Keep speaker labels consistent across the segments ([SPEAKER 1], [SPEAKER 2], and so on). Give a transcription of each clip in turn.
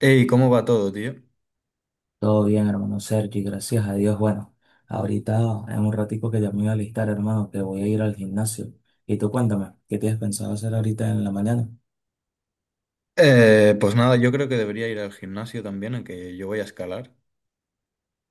[SPEAKER 1] Ey, ¿cómo va todo, tío?
[SPEAKER 2] Todo bien, hermano Sergi, gracias a Dios. Bueno, ahorita en un ratico que ya me voy a alistar, hermano, que voy a ir al gimnasio. Y tú cuéntame, ¿qué tienes pensado hacer ahorita en la mañana?
[SPEAKER 1] Pues nada, yo creo que debería ir al gimnasio también, en que yo voy a escalar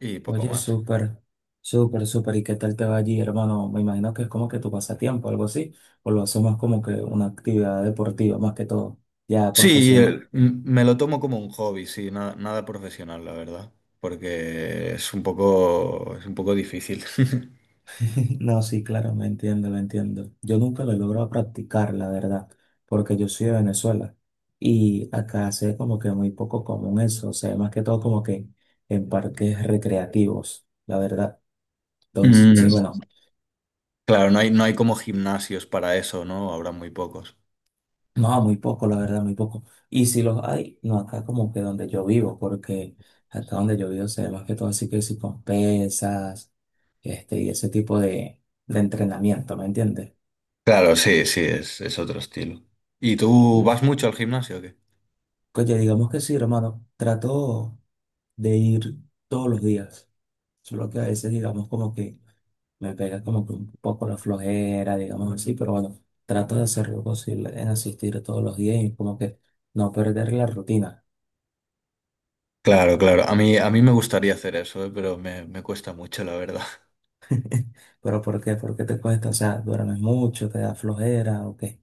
[SPEAKER 1] y poco
[SPEAKER 2] Oye,
[SPEAKER 1] más.
[SPEAKER 2] súper, súper, súper. ¿Y qué tal te va allí, hermano? Me imagino que es como que tu pasatiempo, algo así, o lo hacemos como que una actividad deportiva más que todo, ya
[SPEAKER 1] Sí,
[SPEAKER 2] profesional.
[SPEAKER 1] me lo tomo como un hobby, sí, nada, nada profesional, la verdad, porque es un poco difícil.
[SPEAKER 2] No, sí, claro, me entiendo, lo entiendo. Yo nunca lo he logrado practicar, la verdad, porque yo soy de Venezuela y acá se ve como que muy poco común eso, o sea, más que todo como que en parques recreativos, la verdad.
[SPEAKER 1] Mm,
[SPEAKER 2] Entonces, bueno,
[SPEAKER 1] claro, no hay como gimnasios para eso, ¿no? Habrá muy pocos.
[SPEAKER 2] no, muy poco, la verdad, muy poco. Y si los hay, no acá como que donde yo vivo, porque acá donde yo vivo se ve más que todo así que si con pesas, y ese tipo de entrenamiento, ¿me entiendes?
[SPEAKER 1] Claro, sí, sí, es otro estilo. ¿Y tú vas
[SPEAKER 2] Claro.
[SPEAKER 1] mucho al gimnasio o qué?
[SPEAKER 2] Oye, digamos que sí, hermano, trato de ir todos los días. Solo que a veces, digamos, como que me pega como que un poco la flojera, digamos así, pero bueno, trato de hacer lo posible en asistir todos los días y como que no perder la rutina.
[SPEAKER 1] Claro, claro. A mí me gustaría hacer eso, pero me cuesta mucho, la verdad.
[SPEAKER 2] ¿Pero por qué? ¿Por qué te cuesta? O sea, ¿duermes mucho, te da flojera o qué?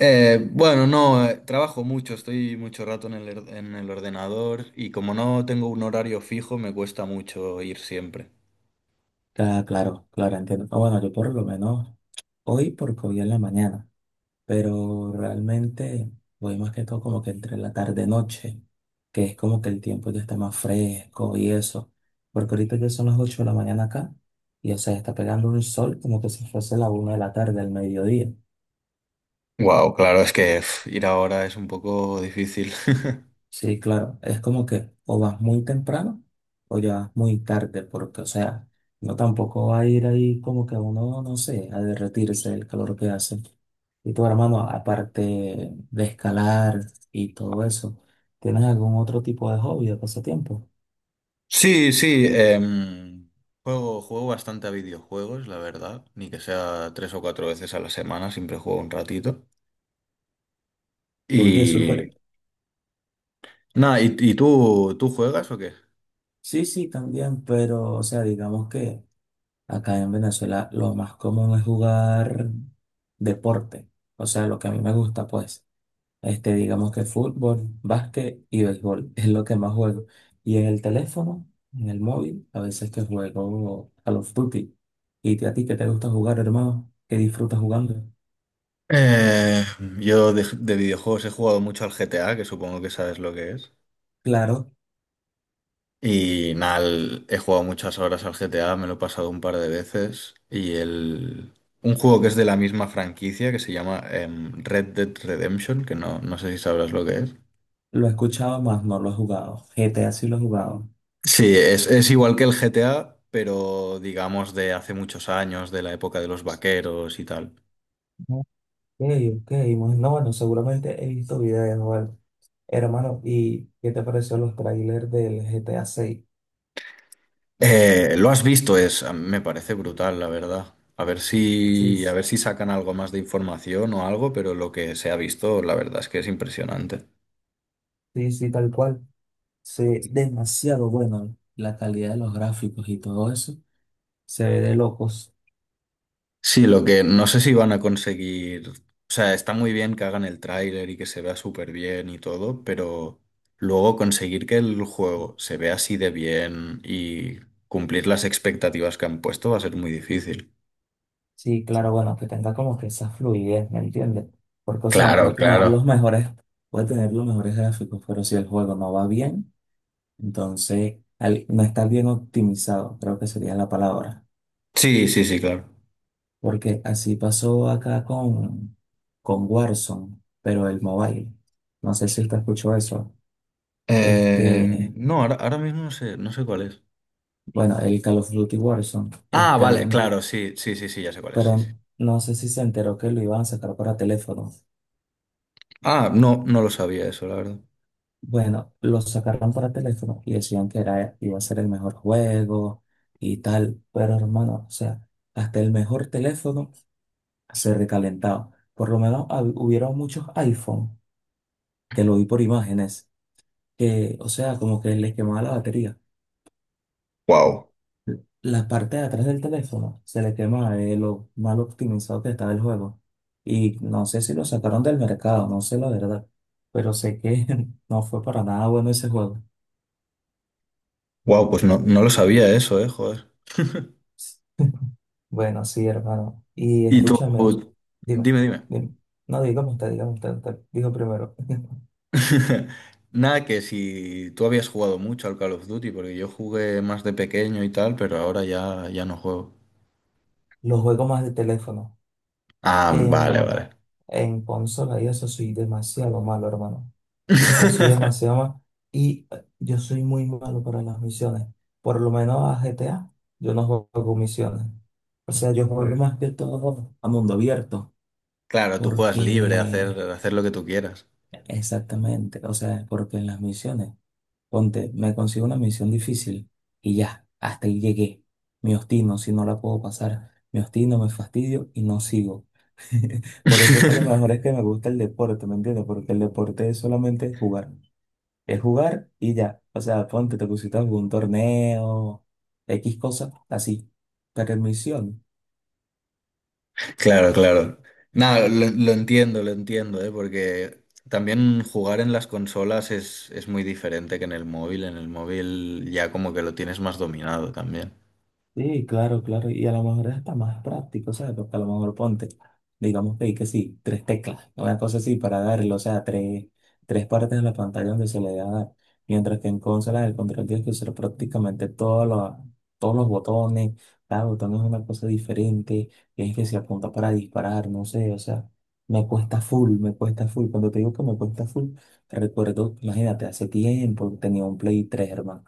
[SPEAKER 1] Bueno, no, trabajo mucho, estoy mucho rato en en el ordenador, y como no tengo un horario fijo, me cuesta mucho ir siempre.
[SPEAKER 2] Ah, claro, claro, entiendo. Ah, bueno, yo por lo menos hoy, porque hoy en la mañana, pero realmente voy más que todo como que entre la tarde-noche, que es como que el tiempo ya está más fresco y eso, porque ahorita ya son las 8 de la mañana acá y, o sea, está pegando un sol como que si fuese la una de la tarde, al mediodía.
[SPEAKER 1] Wow, claro, es que pf, ir ahora es un poco difícil.
[SPEAKER 2] Sí, claro, es como que o vas muy temprano o ya vas muy tarde, porque, o sea, no tampoco va a ir ahí como que uno, no sé, a derretirse el calor que hace. Y tu hermano, aparte de escalar y todo eso, ¿tienes algún otro tipo de hobby o pasatiempo?
[SPEAKER 1] Sí, sí, juego, juego bastante a videojuegos, la verdad, ni que sea tres o cuatro veces a la semana, siempre juego un ratito.
[SPEAKER 2] Oye, súper.
[SPEAKER 1] Y nada, ¿y, tú juegas o qué?
[SPEAKER 2] Sí, sí, también, pero, o sea, digamos que acá en Venezuela lo más común es jugar deporte, o sea, lo que a mí me gusta, pues. Digamos que fútbol, básquet y béisbol es lo que más juego. Y en el teléfono, en el móvil, a veces que juego Call of Duty. ¿Y a ti qué te gusta jugar, hermano? ¿Qué disfrutas jugando?
[SPEAKER 1] Eh, yo de videojuegos he jugado mucho al GTA, que supongo que sabes lo que es.
[SPEAKER 2] Claro,
[SPEAKER 1] Y nada, he jugado muchas horas al GTA, me lo he pasado un par de veces. Y el... un juego que es de la misma franquicia, que se llama Red Dead Redemption, que no, no sé si sabrás lo que es.
[SPEAKER 2] lo he escuchado más, no lo he jugado. GTA sí lo he jugado.
[SPEAKER 1] Sí, es igual que el GTA, pero digamos de hace muchos años, de la época de los vaqueros y tal.
[SPEAKER 2] Ok, ok, no, bueno, seguramente he visto videos, bueno. Hermano, ¿y qué te pareció los trailers del GTA 6?
[SPEAKER 1] Lo has visto, me parece brutal, la verdad.
[SPEAKER 2] Sí,
[SPEAKER 1] A ver si sacan algo más de información o algo, pero lo que se ha visto, la verdad es que es impresionante.
[SPEAKER 2] sí, sí, tal cual. Sí, demasiado bueno. La calidad de los gráficos y todo eso. Se ve de locos.
[SPEAKER 1] Sí, lo que no sé si van a conseguir, o sea, está muy bien que hagan el tráiler y que se vea súper bien y todo, pero luego conseguir que el juego se vea así de bien y cumplir las expectativas que han puesto va a ser muy difícil.
[SPEAKER 2] Sí, claro, bueno, que tenga como que esa fluidez, ¿me entiendes? Porque, o sea, puede
[SPEAKER 1] Claro,
[SPEAKER 2] tener
[SPEAKER 1] claro.
[SPEAKER 2] los mejores, puede tener los mejores gráficos, pero si el juego no va bien, entonces no está bien optimizado, creo que sería la palabra.
[SPEAKER 1] Sí, sí, sí, claro.
[SPEAKER 2] Porque así pasó acá con Warzone, pero el mobile. No sé si usted escuchó eso.
[SPEAKER 1] Eh,
[SPEAKER 2] Este,
[SPEAKER 1] no, ahora mismo no sé, no sé cuál es.
[SPEAKER 2] bueno, el Call of Duty Warzone,
[SPEAKER 1] Ah, vale, claro, sí, sí, sí, sí, ya sé cuál es, sí, sí.
[SPEAKER 2] pero no sé si se enteró que lo iban a sacar para teléfono.
[SPEAKER 1] Ah, no, no lo sabía eso, la verdad.
[SPEAKER 2] Bueno, lo sacaron para teléfono y decían que era, iba a ser el mejor juego y tal, pero hermano, o sea, hasta el mejor teléfono se recalentaba. Por lo menos hubieron muchos iPhone, que lo vi por imágenes, que, o sea, como que les quemaba la batería.
[SPEAKER 1] Wow.
[SPEAKER 2] La parte de atrás del teléfono se le quemaba de lo mal optimizado que estaba el juego. Y no sé si lo sacaron del mercado, no sé la verdad, pero sé que no fue para nada bueno ese juego.
[SPEAKER 1] Wow, pues no, no lo sabía eso, joder.
[SPEAKER 2] Bueno, sí, hermano. Y
[SPEAKER 1] Y tú,
[SPEAKER 2] escúchame, dime,
[SPEAKER 1] dime, dime.
[SPEAKER 2] dime. No, dígame usted, usted. Digo primero.
[SPEAKER 1] Nada, que si tú habías jugado mucho al Call of Duty, porque yo jugué más de pequeño y tal, pero ahora ya, ya no juego.
[SPEAKER 2] Los juegos más de teléfono.
[SPEAKER 1] Ah, vale,
[SPEAKER 2] En,
[SPEAKER 1] vale.
[SPEAKER 2] en consola y eso soy demasiado malo, hermano. O sea, soy demasiado malo. Y yo soy muy malo para las misiones. Por lo menos a GTA, yo no juego misiones. O sea, yo juego más que todo a mundo abierto.
[SPEAKER 1] Claro, tú juegas libre,
[SPEAKER 2] Porque,
[SPEAKER 1] hacer, hacer lo que tú quieras.
[SPEAKER 2] exactamente, o sea, porque en las misiones. Ponte, me consigo una misión difícil y ya, hasta ahí llegué. Me obstino si no la puedo pasar. Me obstino, me fastidio y no sigo. Por eso es que lo mejor es que me gusta el deporte, ¿me entiendes? Porque el deporte es solamente jugar. Es jugar y ya. O sea, ponte, te pusiste algún torneo, X cosas, así. Pero en misión.
[SPEAKER 1] Claro, claro. Nada, lo entiendo, ¿eh? Porque también jugar en las consolas es muy diferente que en el móvil. En el móvil ya como que lo tienes más dominado también.
[SPEAKER 2] Sí, claro, claro. Y a lo mejor es hasta más práctico, ¿sabes? Porque a lo mejor ponte, digamos que hay que sí, tres teclas, una cosa así para darle, o sea, tres, tres partes de la pantalla donde se le da a dar. Mientras que en consola el control tienes que usar prácticamente todos los botones, cada botón es una cosa diferente, tienes que se apunta para disparar, no sé, o sea, me cuesta full, me cuesta full. Cuando te digo que me cuesta full, recuerdo, imagínate, hace tiempo tenía un Play 3, hermano.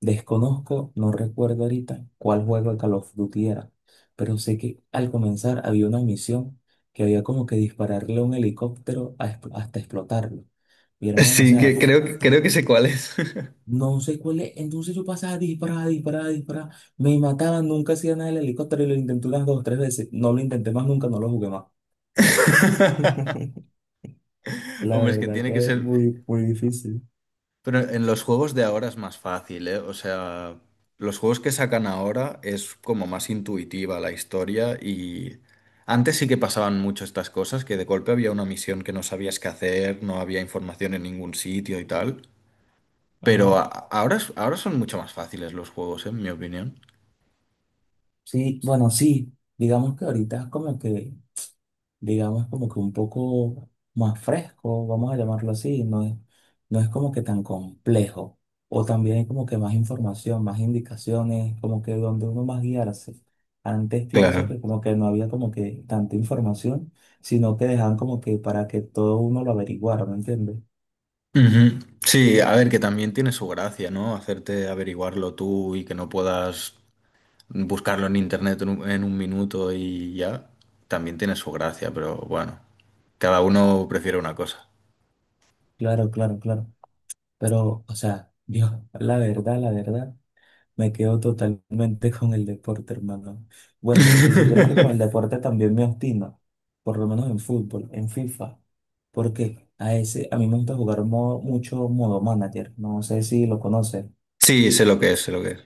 [SPEAKER 2] Desconozco, no recuerdo ahorita cuál juego de Call of Duty era, pero sé que al comenzar había una misión que había como que dispararle a un helicóptero a hasta explotarlo. Mi hermano, o
[SPEAKER 1] Sí,
[SPEAKER 2] sea,
[SPEAKER 1] creo que sé cuál es.
[SPEAKER 2] no sé cuál es. Entonces yo pasaba disparada, disparada, disparada. Me mataban, nunca hacía nada el helicóptero y lo intenté unas dos o tres veces. No lo intenté más nunca, no lo jugué más. La
[SPEAKER 1] Hombre, es que
[SPEAKER 2] verdad
[SPEAKER 1] tiene que
[SPEAKER 2] que es
[SPEAKER 1] ser.
[SPEAKER 2] muy, muy difícil.
[SPEAKER 1] Pero en los juegos de ahora es más fácil, ¿eh? O sea, los juegos que sacan ahora es como más intuitiva la historia, y antes sí que pasaban mucho estas cosas, que de golpe había una misión que no sabías qué hacer, no había información en ningún sitio y tal.
[SPEAKER 2] Ajá.
[SPEAKER 1] Ahora son mucho más fáciles los juegos, ¿eh? En mi opinión.
[SPEAKER 2] Sí, bueno, sí, digamos que ahorita como que digamos, como que un poco más fresco, vamos a llamarlo así, no es como que tan complejo. O también hay como que más información, más indicaciones, como que donde uno más guiarse. Antes pienso
[SPEAKER 1] Claro.
[SPEAKER 2] que como que no había como que tanta información, sino que dejaban como que para que todo uno lo averiguara, ¿me entiendes?
[SPEAKER 1] Ujú. Sí, a ver, que también tiene su gracia, ¿no? Hacerte averiguarlo tú y que no puedas buscarlo en internet en un minuto, y ya también tiene su gracia, pero bueno, cada uno prefiere una cosa.
[SPEAKER 2] Claro, claro, claro. Pero, o sea, yo, la verdad, la verdad. Me quedo totalmente con el deporte, hermano. Bueno, si supieras que con el deporte también me obstino, por lo menos en fútbol, en FIFA, porque a ese, a mí me gusta jugar mucho modo manager, no sé si lo conoces.
[SPEAKER 1] Sí, sé lo que es, sé lo que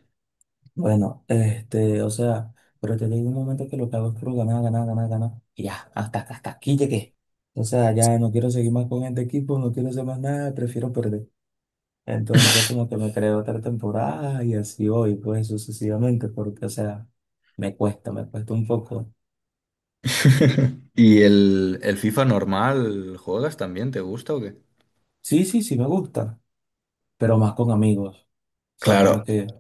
[SPEAKER 2] Bueno, o sea, pero te digo un momento que lo que hago es puro ganar, ganar, ganar, ganar, y ya, hasta, hasta aquí llegué. O sea, ya no quiero seguir más con este equipo, no quiero hacer más nada, prefiero perder. Entonces
[SPEAKER 1] es.
[SPEAKER 2] como que me creo otra temporada y así voy, pues sucesivamente, porque o sea, me cuesta un poco.
[SPEAKER 1] ¿Y el FIFA normal juegas también? ¿Te gusta o qué?
[SPEAKER 2] Sí, sí, sí me gusta, pero más con amigos. O sea, como
[SPEAKER 1] Claro.
[SPEAKER 2] que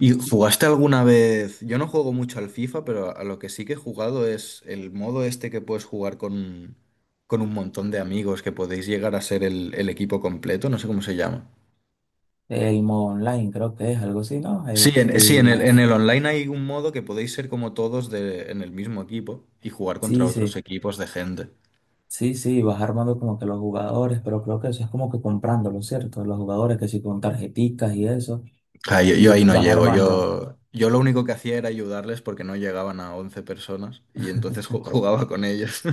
[SPEAKER 1] ¿Y jugaste alguna vez? Yo no juego mucho al FIFA, pero a lo que sí que he jugado es el modo este que puedes jugar con un montón de amigos, que podéis llegar a ser el equipo completo, no sé cómo se llama.
[SPEAKER 2] el modo online creo que es algo así, ¿no?
[SPEAKER 1] Sí, en el online hay un modo que podéis ser como todos en el mismo equipo y jugar contra
[SPEAKER 2] Sí,
[SPEAKER 1] otros
[SPEAKER 2] sí,
[SPEAKER 1] equipos de gente.
[SPEAKER 2] sí, sí, vas armando como que los jugadores, pero creo que eso es como que comprándolo, ¿cierto? Los jugadores que sí con tarjeticas y eso,
[SPEAKER 1] Ah, yo
[SPEAKER 2] y
[SPEAKER 1] ahí no
[SPEAKER 2] vas
[SPEAKER 1] llego.
[SPEAKER 2] armando.
[SPEAKER 1] Yo lo único que hacía era ayudarles porque no llegaban a 11 personas, y entonces jugaba con ellos.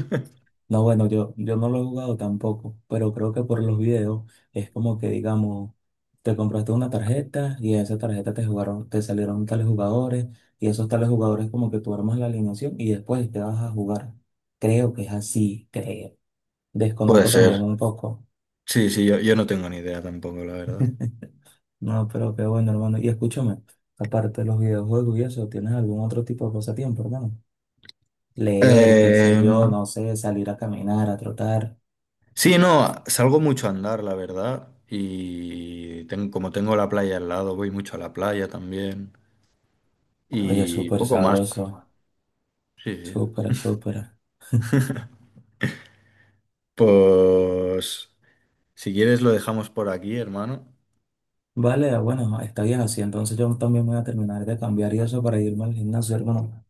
[SPEAKER 2] No, bueno, yo no lo he jugado tampoco, pero creo que por los videos es como que, digamos, te compraste una tarjeta y en esa tarjeta te jugaron, te salieron tales jugadores y esos tales jugadores como que tú armas la alineación y después te vas a jugar. Creo que es así, creo.
[SPEAKER 1] Puede
[SPEAKER 2] Desconozco también
[SPEAKER 1] ser.
[SPEAKER 2] un poco.
[SPEAKER 1] Sí, sí, yo no tengo ni idea tampoco, la verdad.
[SPEAKER 2] No, pero qué bueno, hermano. Y escúchame, aparte de los videojuegos y eso, ¿tienes algún otro tipo de pasatiempo, hermano? Leer, qué sé
[SPEAKER 1] Eh,
[SPEAKER 2] yo, no sé, salir a caminar, a trotar.
[SPEAKER 1] sí, no, salgo mucho a andar, la verdad. Y como tengo la playa al lado, voy mucho a la playa también.
[SPEAKER 2] Oye,
[SPEAKER 1] Y
[SPEAKER 2] súper
[SPEAKER 1] poco más.
[SPEAKER 2] sabroso,
[SPEAKER 1] Sí, sí.
[SPEAKER 2] súper, súper.
[SPEAKER 1] Pues si quieres lo dejamos por aquí, hermano.
[SPEAKER 2] Vale, ah, bueno, está bien así. Entonces yo también voy a terminar de cambiar y eso para irme al gimnasio, hermano.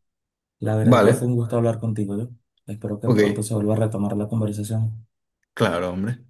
[SPEAKER 2] La verdad que fue
[SPEAKER 1] Vale,
[SPEAKER 2] un gusto hablar contigo, yo. Espero que
[SPEAKER 1] ok,
[SPEAKER 2] pronto se vuelva a retomar la conversación.
[SPEAKER 1] claro, hombre.